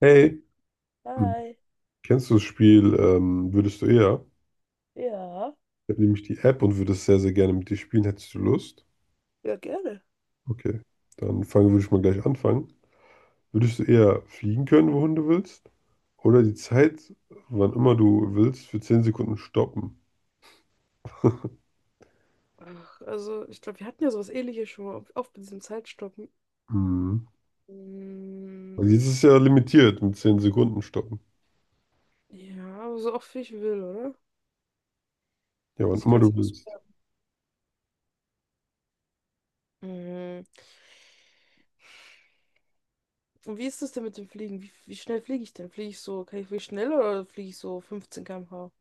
Hey, hm, Hi. kennst du das Spiel Würdest du eher? Ja. Ich habe nämlich die App und würde es sehr, sehr gerne mit dir spielen. Hättest du Lust? Ja, gerne. Okay, dann fangen würde ich mal gleich anfangen. Würdest du eher fliegen können, wohin du willst? Oder die Zeit, wann immer du willst, für 10 Sekunden stoppen? Ach, also, ich glaube, wir hatten ja sowas Ähnliches schon mal, auch mit diesem Zeitstoppen. Mhm. Mm, Weil jetzt ist ja limitiert mit 10 Sekunden stoppen. ja, aber so oft wie ich will, oder? Ja, wann Also, ich immer kann es du nicht willst. ausprobieren. Mhm. Und wie ist das denn mit dem Fliegen? Wie schnell fliege ich denn? Fliege ich so, kann ich fliegen schnell oder fliege ich so 15 km/h?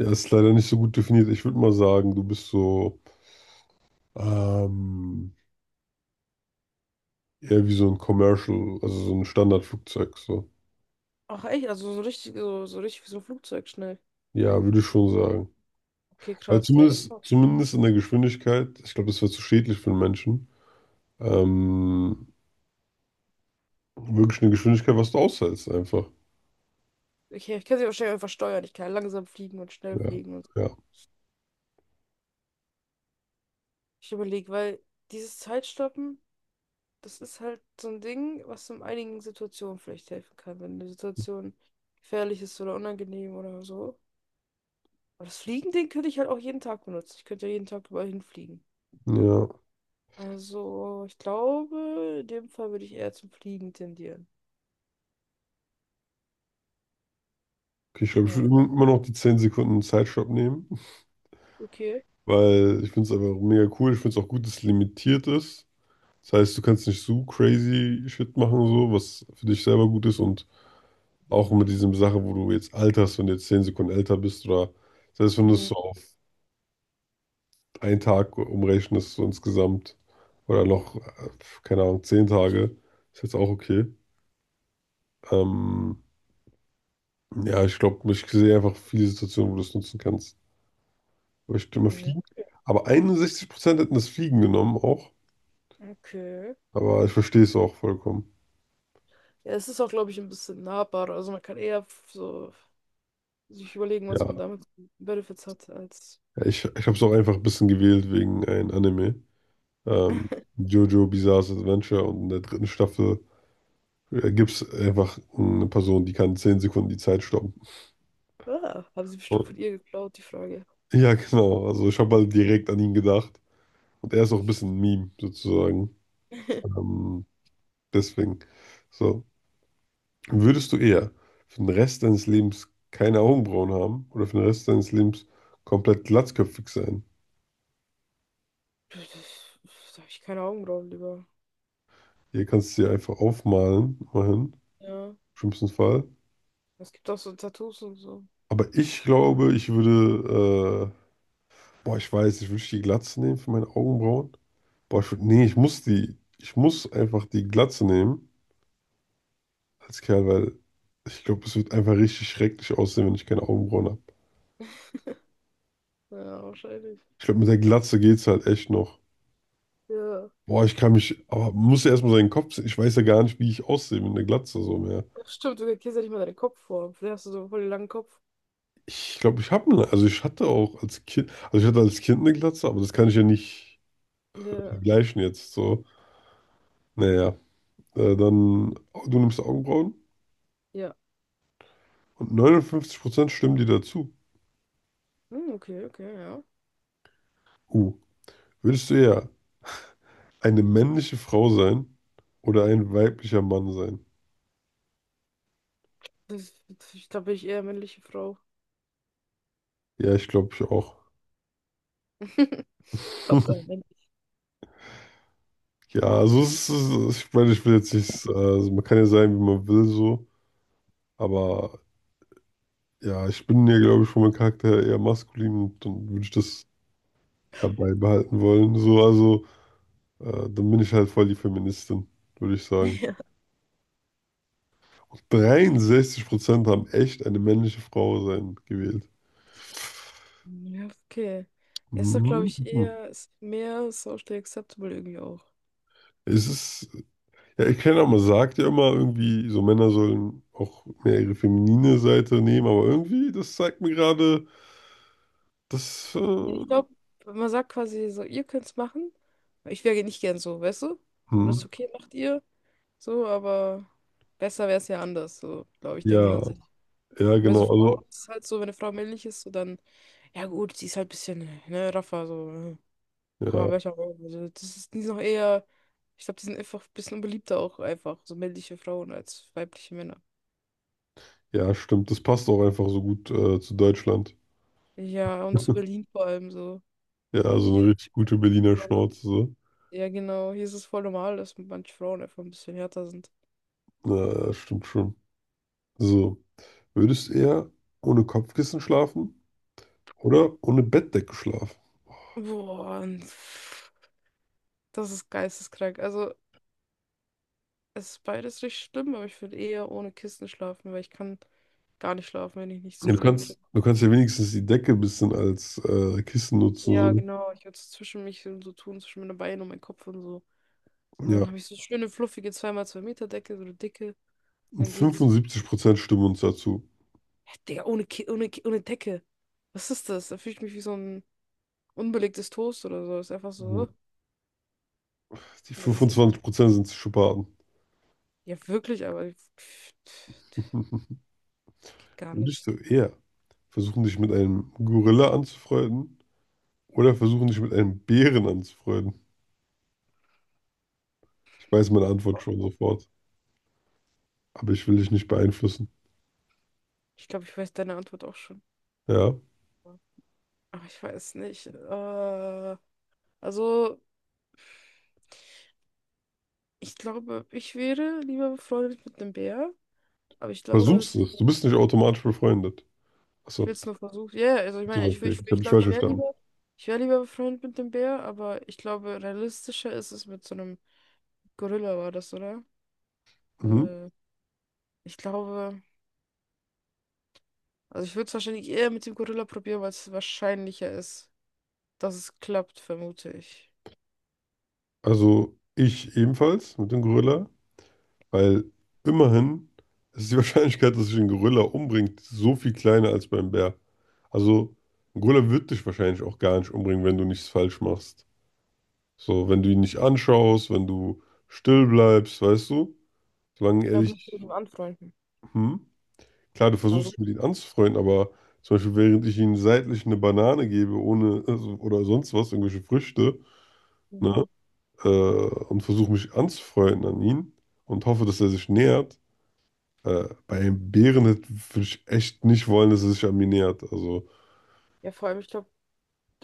Ja, ist leider nicht so gut definiert. Ich würde mal sagen, du bist so ähm, eher wie so ein Commercial, also so ein Standardflugzeug. So. Ach, echt? Also, so richtig, so richtig wie so ein Flugzeug schnell. Ja, würde ich schon sagen. Okay, Also krass, ja, das ist zumindest, doch. zumindest in der Geschwindigkeit, ich glaube, das wäre zu schädlich für den Menschen. Ähm, Wirklich eine Geschwindigkeit, was du aushältst, einfach. Ich kann sie wahrscheinlich einfach steuern. Ich kann langsam fliegen und schnell Ja, fliegen und so. ja, Ich überlege, weil dieses Zeitstoppen. Das ist halt so ein Ding, was in einigen Situationen vielleicht helfen kann, wenn eine Situation gefährlich ist oder unangenehm oder so. Aber das Fliegen-Ding könnte ich halt auch jeden Tag benutzen. Ich könnte ja jeden Tag überall hinfliegen. ja. Also, ich glaube, in dem Fall würde ich eher zum Fliegen tendieren. Okay, ich glaube, ich Ja, würde immer noch die 10 Sekunden Zeitstopp nehmen, okay. weil ich finde es einfach mega cool. Ich finde es auch gut, dass es limitiert ist. Das heißt, du kannst nicht so crazy Shit machen, so, was für dich selber gut ist und auch mit diesem Sache, wo du jetzt alterst, wenn du jetzt 10 Sekunden älter bist oder selbst wenn du es Mhm. so einen Tag umrechnen, ist so insgesamt, oder noch, keine Ahnung, 10 Tage, ist jetzt auch okay. Ähm, ja, ich glaube, ich sehe einfach viele Situationen, wo du es nutzen kannst. Aber ich stimme Ja, Fliegen. Aber 61% hätten das Fliegen genommen auch. okay. Aber ich verstehe es auch vollkommen. Ja, es ist auch, glaube ich, ein bisschen nahbarer. Also, man kann eher so sich überlegen, was Ja, man damit für Benefits hat, als. ich habe es auch einfach ein bisschen gewählt wegen ein Anime. Ähm, Jojo Bizarre's Adventure und in der dritten Staffel gibt es einfach eine Person, die kann 10 Sekunden die Zeit stoppen. Ah, haben sie bestimmt von ihr geklaut, die Frage. Ja, genau. Also ich habe mal direkt an ihn gedacht. Und er ist auch ein bisschen ein Meme, sozusagen. Ähm, Deswegen. So. Würdest du eher für den Rest deines Lebens keine Augenbrauen haben oder für den Rest deines Lebens komplett glatzköpfig sein? Da habe ich keine Augenbrauen lieber. Hier kannst du sie einfach aufmalen, immerhin, im Ja. schlimmsten Fall. Es gibt auch so Tattoos und so. Aber ich glaube, ich würde, boah, ich weiß, ich würde die Glatze nehmen für meine Augenbrauen. Boah, nee, ich muss einfach die Glatze nehmen als Kerl, weil ich glaube, es wird einfach richtig schrecklich aussehen, wenn ich keine Augenbrauen habe. Ja, wahrscheinlich. Ich glaube, mit der Glatze geht's halt echt noch. Ja. Boah, aber muss ja erstmal seinen Kopf sehen. Ich weiß ja gar nicht, wie ich aussehe mit einer Glatze so mehr. Ach, stimmt, du erkennst ja nicht mal deinen Kopf vor. Vielleicht hast du so voll den langen Kopf. Ich glaube, also ich hatte als Kind eine Glatze, aber das kann ich ja nicht Ja. vergleichen jetzt so. Naja, dann, du nimmst Augenbrauen Ja. und 59% stimmen dir dazu. Hm, okay, okay, ja. Uh, Würdest du eher eine männliche Frau sein oder ein weiblicher Mann sein? Das, ich glaube, bin ich eher männliche Frau. Ja, ich glaube, ich auch. Hauptsache männlich. Ja, also es ist, ich meine, ich will jetzt nicht, also man kann ja sein, wie man will, so, aber ja, ich bin ja, glaube ich, von meinem Charakter eher maskulin und dann würde ich das eher beibehalten wollen, so, also dann bin ich halt voll die Feministin, würde ich sagen. Ja. 63% haben echt eine männliche Frau sein gewählt. Ja, okay. Er ist doch, glaube ich, Mhm. eher, ist mehr socially acceptable irgendwie auch. Es ist, ja, ich kenne, auch man sagt ja immer irgendwie, so Männer sollen auch mehr ihre feminine Seite nehmen, aber irgendwie, das zeigt mir gerade, dass, Ja, ich glaube, man sagt quasi so, ihr könnt's machen. Ich wäre nicht gern so, weißt du? So, wenn das ist hm, okay, macht ihr. So, aber besser wäre es ja anders, so, glaube ich, denkt ja, man sich. ja, Und bei so genau. Frau Also, ist es halt so, wenn eine Frau männlich ist, so dann, ja gut, sie ist halt ein bisschen, ne, raffer, so, kann man ja, besser machen. Also, das ist, die sind noch eher, ich glaube, die sind einfach ein bisschen unbeliebter auch einfach, so männliche Frauen als weibliche Männer. ja, stimmt. Das passt auch einfach so gut zu Deutschland. Ja, und zu Berlin vor allem so. Ja, also eine Hier. richtig gute Berliner Schnauze. So. Ja, genau. Hier ist es voll normal, dass manche Frauen einfach ein bisschen härter sind. Na, das stimmt schon. So, würdest du eher ohne Kopfkissen schlafen oder ohne Bettdecke schlafen? Boah, und pff, das ist geisteskrank. Also, es ist beides richtig schlimm, aber ich würde eher ohne Kissen schlafen, weil ich kann gar nicht schlafen, wenn ich nicht Ja, du zugedeckt bin. kannst, du kannst ja wenigstens die Decke ein bisschen als Kissen Ja, nutzen. genau. Ich würde es zwischen mich und so tun, zwischen meine Beine und meinen Kopf und so. So. Und Ja, dann habe ich so schöne, fluffige 2x2 Meter Decke, so eine dicke. Und und dann geht's. 75% stimmen uns dazu. Hä, Digga, ohne Decke. Was ist das? Da fühle ich mich wie so ein unbelegtes Toast oder so. Ist einfach Ja. so. Die Nee, ist gut. 25% sind Psychopathen. Ja, wirklich, aber pff, geht gar Würdest nicht. du eher versuchen, dich mit einem Gorilla anzufreunden oder versuchen, dich mit einem Bären anzufreunden. Ich weiß meine Antwort schon sofort, aber ich will dich nicht beeinflussen. Ich glaube, ich weiß deine Antwort auch schon. Ja, Aber ich weiß nicht. Also, ich glaube, ich wäre lieber befreundet mit einem Bär. Aber ich glaube, versuchst es es. Du wäre, bist nicht automatisch befreundet. ich will Achso, es nur versuchen. Ja, also ich so, meine, so, ich, wür- okay. ich, wür- Ich habe ich dich glaube, falsch ich wäre verstanden. lieber, ich wäre lieber befreundet mit dem Bär, aber ich glaube, realistischer ist es mit so einem Gorilla, war das, oder? Mhm. Äh, ich glaube, also ich würde es wahrscheinlich eher mit dem Gorilla probieren, weil es wahrscheinlicher ist, dass es klappt, vermute ich. Also ich ebenfalls mit dem Gorilla, weil immerhin ist die Wahrscheinlichkeit, dass sich ein Gorilla umbringt, so viel kleiner als beim Bär. Also ein Gorilla wird dich wahrscheinlich auch gar nicht umbringen, wenn du nichts falsch machst. So, wenn du ihn nicht anschaust, wenn du still bleibst, weißt du? Solange er Ja, du musst dich dich... mit ihm anfreunden. Hm? Klar, du Aber versuchst du, dich mit ihm anzufreunden, aber zum Beispiel, während ich ihm seitlich eine Banane gebe, ohne also, oder sonst was, irgendwelche Früchte, ne, mhm. Und versuche mich anzufreunden an ihn und hoffe, dass er sich nähert. Bei einem Bären würde ich echt nicht wollen, dass er sich an mich nähert. Also, Ja, vor allem, ich glaube,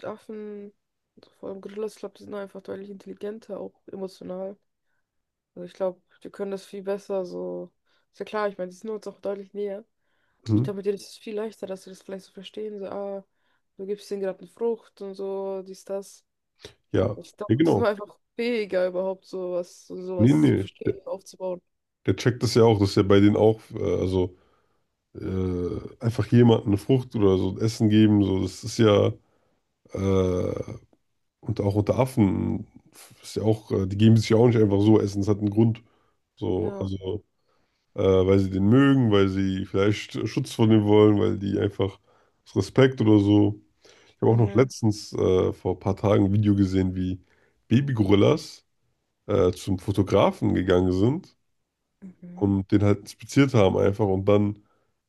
Affen, also vor allem Gorillas, ich glaube, die sind einfach deutlich intelligenter, auch emotional. Also ich glaube, die können das viel besser so. Ist ja klar, ich meine, die sind uns auch deutlich näher. Ich hm, glaube, mit denen ist es viel leichter, dass sie das vielleicht so verstehen. So, ah, du gibst ihnen gerade eine Frucht und so, dies, das. ja, Ich ja, glaube, die sind genau. einfach fähiger, überhaupt sowas, so Nee, sowas zu nee, der, verstehen und aufzubauen. der checkt das ja auch, dass er bei denen auch, also einfach jemandem eine Frucht oder so Essen geben, so, das ist ja. Äh, Und auch unter Affen ist ja auch, die geben sich ja auch nicht einfach so Essen, es hat einen Grund. So, Ja. also, weil sie den mögen, weil sie vielleicht Schutz von dem wollen, weil die einfach aus Respekt oder so. Ich habe auch noch Mhm. letztens vor ein paar Tagen ein Video gesehen, wie Babygorillas zum Fotografen gegangen sind Mhm. und den halt inspiziert haben einfach und dann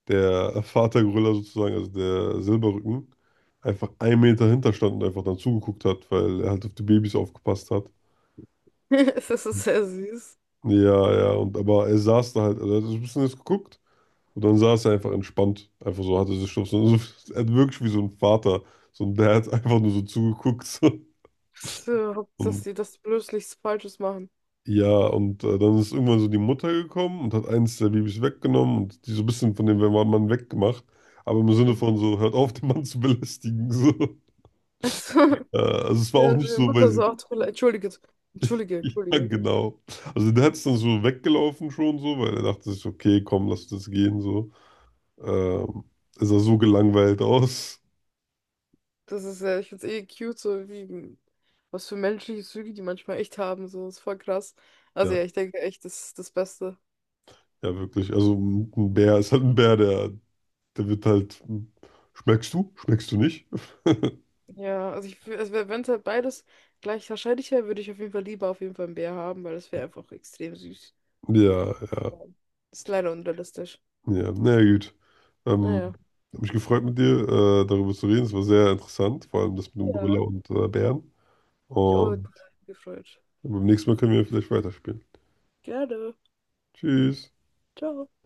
der Vatergorilla sozusagen, also der Silberrücken, einfach 1 Meter hinter stand und einfach dann zugeguckt hat, weil er halt auf die Babys aufgepasst hat. Das ist sehr süß. Ja, ja, und aber er saß da halt, also er hat so ein bisschen jetzt geguckt und dann saß er einfach entspannt. Einfach so, hatte sich schon so, er hat wirklich wie so ein Vater, so ein Dad einfach nur so zugeguckt. So. So, dass Und die das bloß nichts Falsches machen. ja, und dann ist irgendwann so die Mutter gekommen und hat eins der Babys weggenommen und die so ein bisschen von dem Mann weggemacht, aber im Sinne von Mhm. so, hört auf, den Mann zu belästigen. So. Also, Also es war ja, auch nicht meine so, weil Mutter so, sie, ach, tut mir leid, entschuldige, entschuldige, ja, entschuldige. genau. Also der hat es dann so weggelaufen schon so, weil er dachte sich, so, okay, komm, lass das gehen so. Ähm, Er sah so gelangweilt aus. Das ist, ich find's eh cute, so wie, was für menschliche Züge die manchmal echt haben, so, ist voll krass. Also Ja, ja, ich denke echt, das ist das Beste. ja, wirklich. Also ein Bär ist halt ein Bär, der wird halt. Schmeckst du? Schmeckst du nicht? Ja, also also wenn es halt beides gleich wahrscheinlich wäre, würde ich auf jeden Fall lieber auf jeden Fall einen Bär haben, weil das wäre einfach extrem süß. Ja, ja, Ja. Ist leider unrealistisch. ja. Na ja, gut. Naja. Ähm, Hab mich gefreut mit dir, darüber zu reden. Es war sehr interessant, vor allem das mit dem Gorilla Ja. und Bären. Mich auch Und gefreut. beim nächsten Mal können wir vielleicht weiterspielen. Gerne. Tschüss. Ciao.